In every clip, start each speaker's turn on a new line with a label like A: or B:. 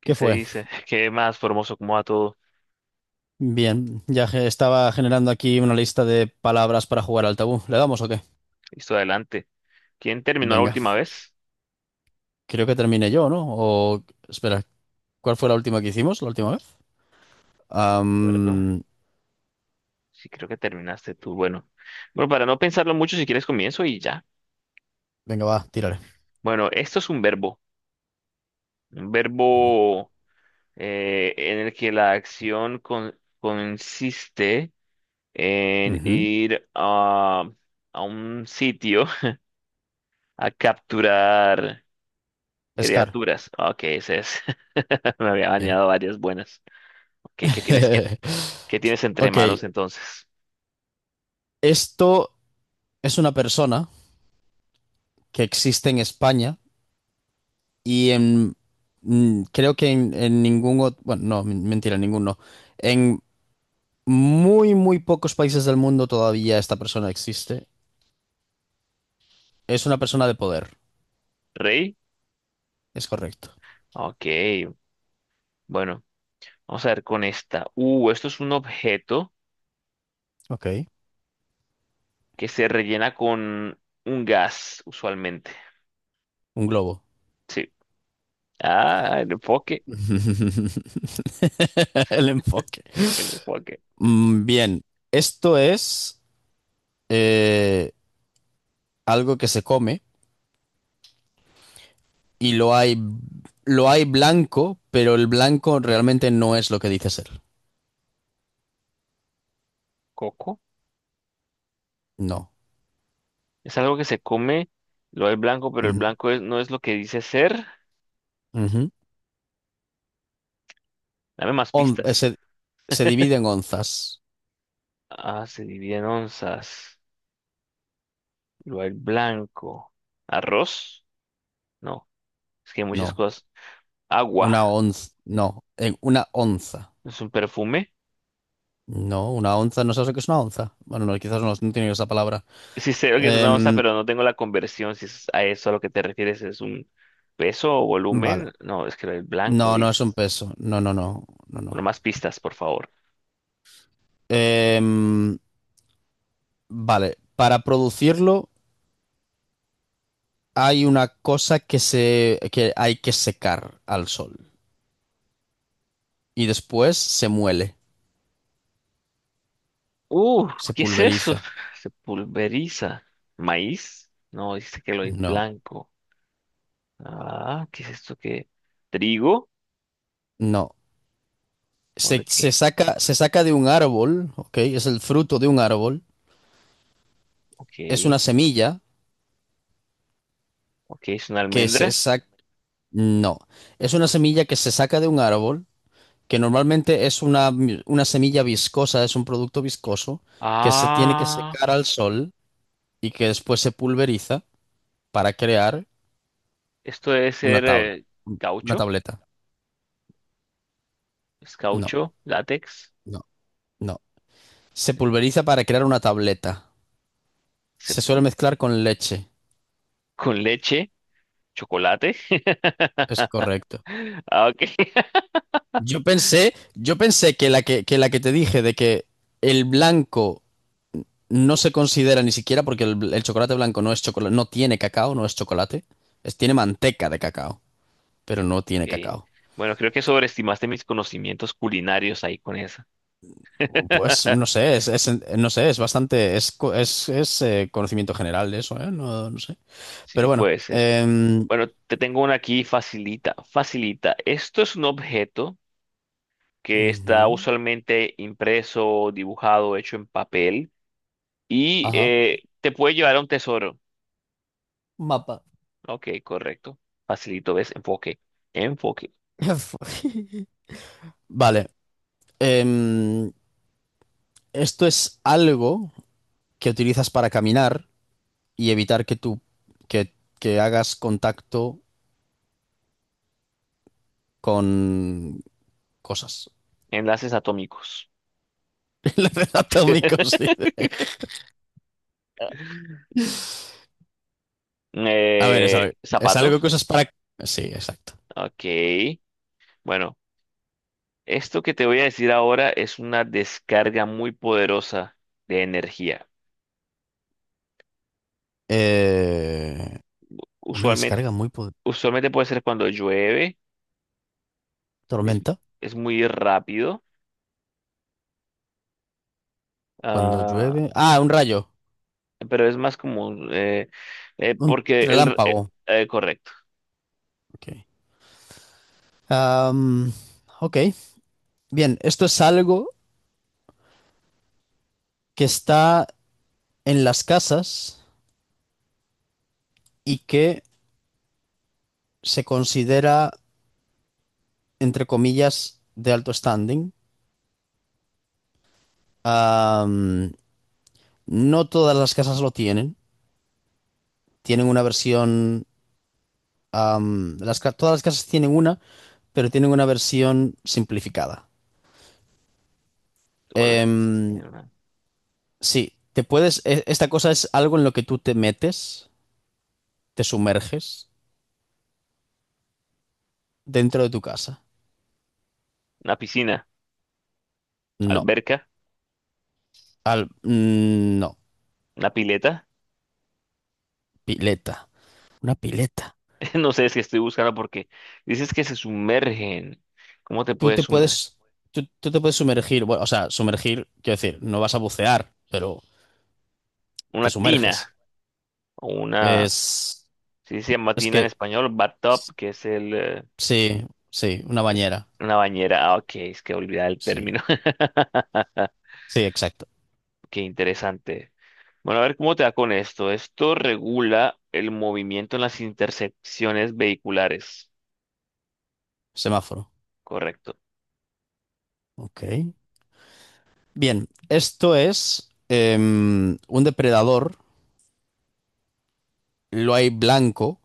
A: ¿Qué
B: ¿Qué
A: se
B: fue?
A: dice? ¿Qué más, Formoso? ¿Cómo va todo?
B: Bien, estaba generando aquí una lista de palabras para jugar al tabú. ¿Le damos o qué?
A: Listo, adelante. ¿Quién terminó la
B: Venga,
A: última vez?
B: creo que terminé yo, ¿no? O espera, ¿cuál fue la última que hicimos? ¿La última vez?
A: ¿Acuerdo?
B: Am,
A: Sí, creo que terminaste tú. Bueno, bueno, para no pensarlo mucho, si quieres comienzo y ya.
B: Venga, va, tírale.
A: Bueno, esto es un verbo. Un verbo en el que la acción consiste en
B: Ujú.
A: ir a un sitio a capturar
B: Scar,
A: criaturas. Ok, ese es. Me había
B: bien.
A: bañado varias buenas. Ok, ¿qué tienes, qué qué tienes entre
B: Ok,
A: manos entonces?
B: esto es una persona que existe en España y en... Creo que en ningún otro. Bueno, no, mentira, en ningún no. Muy, muy pocos países del mundo todavía esta persona existe. Es una persona de poder,
A: Rey.
B: es correcto.
A: Ok, bueno, vamos a ver con esta. Esto es un objeto
B: Ok.
A: que se rellena con un gas, usualmente.
B: Un globo.
A: Sí. Ah, el enfoque.
B: El enfoque.
A: El enfoque.
B: Bien, esto es eh, algo que se come y lo hay blanco, pero el blanco realmente no es lo que dice ser.
A: Coco.
B: No.
A: Es algo que se come, lo del blanco, pero el
B: Ujú.
A: blanco no es lo que dice ser.
B: Ujú.
A: Dame más
B: On- eh,
A: pistas.
B: se, se divide en onzas.
A: Ah, se divide en onzas. Lo del blanco. ¿Arroz? No, es que hay muchas
B: No.
A: cosas. Agua.
B: Una onza. No. En una onza.
A: ¿Es un perfume?
B: No, una onza, no sé lo que es una onza. Bueno, no, quizás no, no tiene esa palabra.
A: Sí sé lo que es una onza,
B: Em,
A: pero no tengo la conversión. Si es a eso a lo que te refieres, ¿es un peso o
B: vale.
A: volumen? No, es que el blanco
B: No, no es un
A: dices.
B: peso. No, no, no, no,
A: Bueno,
B: no.
A: más pistas, por favor.
B: Em, vale. Para producirlo hay una cosa que hay que secar al sol. Y después se muele,
A: Uh,
B: se
A: ¿Qué es eso?
B: pulveriza.
A: Se pulveriza. ¿Maíz? No, dice que lo es
B: No,
A: blanco. Ah, ¿qué es esto que? ¿Trigo?
B: no.
A: ¿O de
B: Se,
A: qué?
B: se saca, se saca de un árbol, ¿ok? Es el fruto de un árbol.
A: Ok,
B: Es una semilla
A: ok, es una
B: que se
A: almendra.
B: saca. No. Es una semilla que se saca de un árbol que normalmente es una semilla viscosa, es un producto viscoso que se tiene que
A: Ah,
B: secar al sol y que después se pulveriza para crear
A: esto debe
B: una
A: ser
B: tabla, una
A: caucho.
B: tableta.
A: Es
B: No,
A: caucho, látex,
B: no, no. Se pulveriza para crear una tableta.
A: se
B: Se suele
A: pul-
B: mezclar con leche.
A: con leche. ¿Chocolate?
B: Es correcto.
A: Ah, ok.
B: Yo pensé que la que te dije de que el blanco no se considera ni siquiera porque el chocolate blanco no es chocolate, no tiene cacao, no es chocolate, tiene manteca de cacao. Pero no tiene
A: Ok.
B: cacao.
A: Bueno, creo que sobreestimaste mis conocimientos culinarios ahí con esa.
B: Pues no sé, no sé, es bastante, es, co- es, conocimiento general de eso, ¿eh? No, no sé.
A: Sí,
B: Pero bueno.
A: puede ser. Bueno, te tengo una aquí facilita, facilita. Esto es un objeto que está
B: Ujú.
A: usualmente impreso, dibujado, hecho en papel y
B: Ajá.
A: te puede llevar a un tesoro.
B: Mapa.
A: Ok, correcto. Facilito, ¿ves? Enfoque, enfoque.
B: Vale. em, Esto es algo que utilizas para caminar y evitar que, que hagas contacto con cosas.
A: Enlaces atómicos.
B: Enlaces Atómicos, dice. A ver, es algo, es algo que
A: Zapatos.
B: usas para. Sí, exacto.
A: Ok. Bueno, esto que te voy a decir ahora es una descarga muy poderosa de energía.
B: Eh, una
A: Usualmente,
B: descarga muy po-
A: usualmente puede ser cuando llueve, es,
B: Tormenta.
A: es muy rápido,
B: Cuando
A: ah,
B: llueve. Ah, un rayo.
A: pero es más como,
B: Un
A: porque el...
B: relámpago.
A: correcto,
B: Ok. Am, ok. Bien, esto es algo que está en las casas y que se considera, entre comillas, de alto standing. Am, no todas las casas lo tienen. Tienen una versión. Todas las casas tienen una, pero tienen una versión simplificada.
A: todas las casas
B: Em,
A: tienen
B: Sí, te puedes. Esta cosa es algo en lo que tú te metes, te sumerges dentro de tu casa.
A: una piscina,
B: No.
A: alberca,
B: No.
A: una pileta.
B: Pileta. Una pileta.
A: No sé es que estoy buscando porque dices que se sumergen. ¿Cómo te
B: Tú
A: puedes
B: te
A: sumergir?
B: puedes. Tú te puedes sumergir. Bueno, o sea, sumergir, quiero decir, no vas a bucear, pero te
A: Una tina
B: sumerges.
A: o una...
B: Es.
A: Si se llama
B: Es
A: tina en
B: que.
A: español, bathtub, que es el...
B: Sí, sí, una
A: Es
B: bañera.
A: una bañera. Ah, ok, es que olvidaba el
B: Sí.
A: término.
B: Sí, exacto.
A: Qué interesante. Bueno, a ver cómo te va con esto. Esto regula el movimiento en las intersecciones vehiculares.
B: Semáforo.
A: Correcto.
B: Ok. Bien, esto es un depredador. Lo hay blanco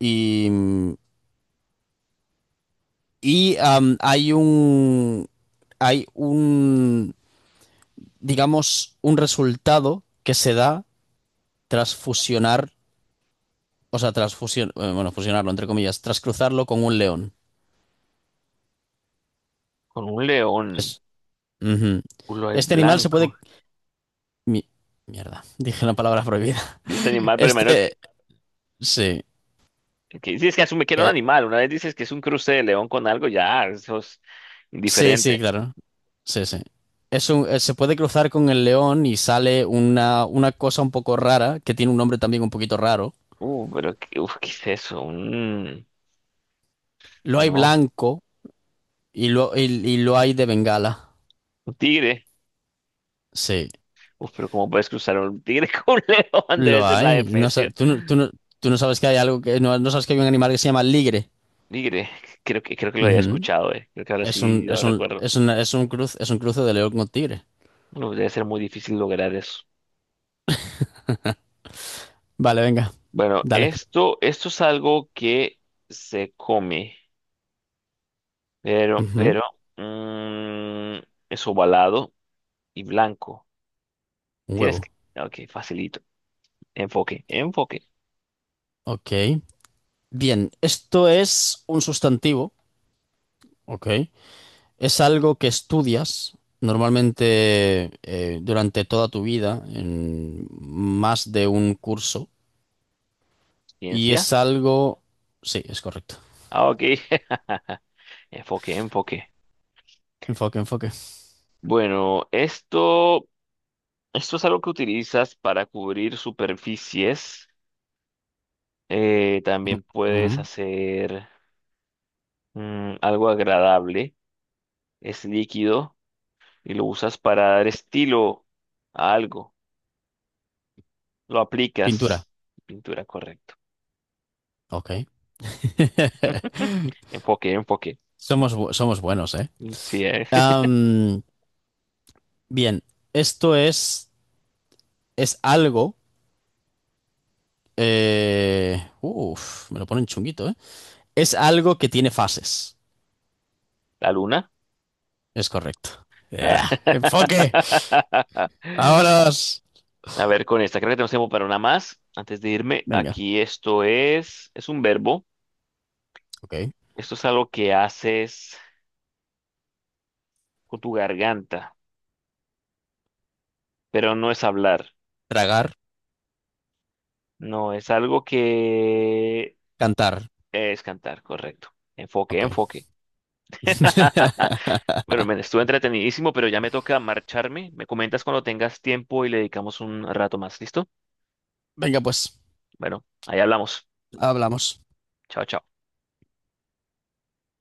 B: Y, y hay un, digamos, un resultado que se da tras fusionar, o sea, tras bueno, fusionarlo, entre comillas, tras cruzarlo con un león.
A: Con un león,
B: Es- Ujú.
A: culo lobo
B: Este animal se
A: blanco.
B: puede. mi- Mierda, dije la palabra prohibida.
A: Dice animal, pero primero
B: Este, sí,
A: que dices que asume que era un
B: eh,
A: animal. Una vez dices que es un cruce de león con algo, ya, eso es
B: sí, sí,
A: indiferente.
B: claro. Sí, sí. Se puede cruzar con el león y sale una cosa un poco rara, que tiene un nombre también un poquito raro.
A: Pero qué, uf, ¿qué es eso? Un,
B: Lo hay
A: no,
B: blanco y lo hay de Bengala.
A: un tigre.
B: Sí,
A: Uf, pero ¿cómo puedes cruzar un tigre con un león? Debe
B: lo
A: ser una
B: hay. No,
A: especie.
B: tú no sabes que hay algo que. No, no sabes que hay un animal que se llama ligre.
A: Nigre, creo que lo había
B: Ujú.
A: escuchado, eh. Creo que ahora sí lo recuerdo.
B: Es un cruce de león con tigre.
A: No, debe ser muy difícil lograr eso.
B: Vale, venga.
A: Bueno,
B: Dale.
A: esto es algo que se come,
B: Ujú.
A: pero mm, es ovalado y blanco. Y
B: Un
A: tienes que...
B: huevo.
A: Ok, facilito. Enfoque, enfoque.
B: Ok. Bien, esto es un sustantivo. Ok. Es algo que estudias normalmente durante toda tu vida en más de un curso. Y
A: Ciencia.
B: es algo. Sí, es correcto.
A: Ah, ok. Enfoque, enfoque.
B: Enfoque, enfoque.
A: Bueno, esto es algo que utilizas para cubrir superficies. También puedes
B: Ujú.
A: hacer... mm, algo agradable, es líquido y lo usas para dar estilo a algo. Lo
B: Pintura.
A: aplicas. Pintura, correcto.
B: Ok.
A: Enfoque, enfoque.
B: Somos buenos, ¿eh?
A: Mm, sí,
B: Am, Bien, esto es algo. Uf, me lo ponen chunguito, ¿eh? Es algo que tiene fases.
A: la luna.
B: Es correcto.
A: Ah.
B: ¡Ea! Enfoque. Vámonos.
A: A ver, con esta, creo que tenemos tiempo para una más. Antes de irme,
B: Venga.
A: aquí es un verbo.
B: Ok.
A: Esto es algo que haces con tu garganta, pero no es hablar.
B: Tragar,
A: No, es algo que
B: cantar.
A: es cantar, correcto. Enfoque,
B: Ok.
A: enfoque. Bueno, men, estuvo entretenidísimo, pero ya me toca marcharme. Me comentas cuando tengas tiempo y le dedicamos un rato más. ¿Listo?
B: Venga, pues,
A: Bueno, ahí hablamos.
B: hablamos.
A: Chao, chao.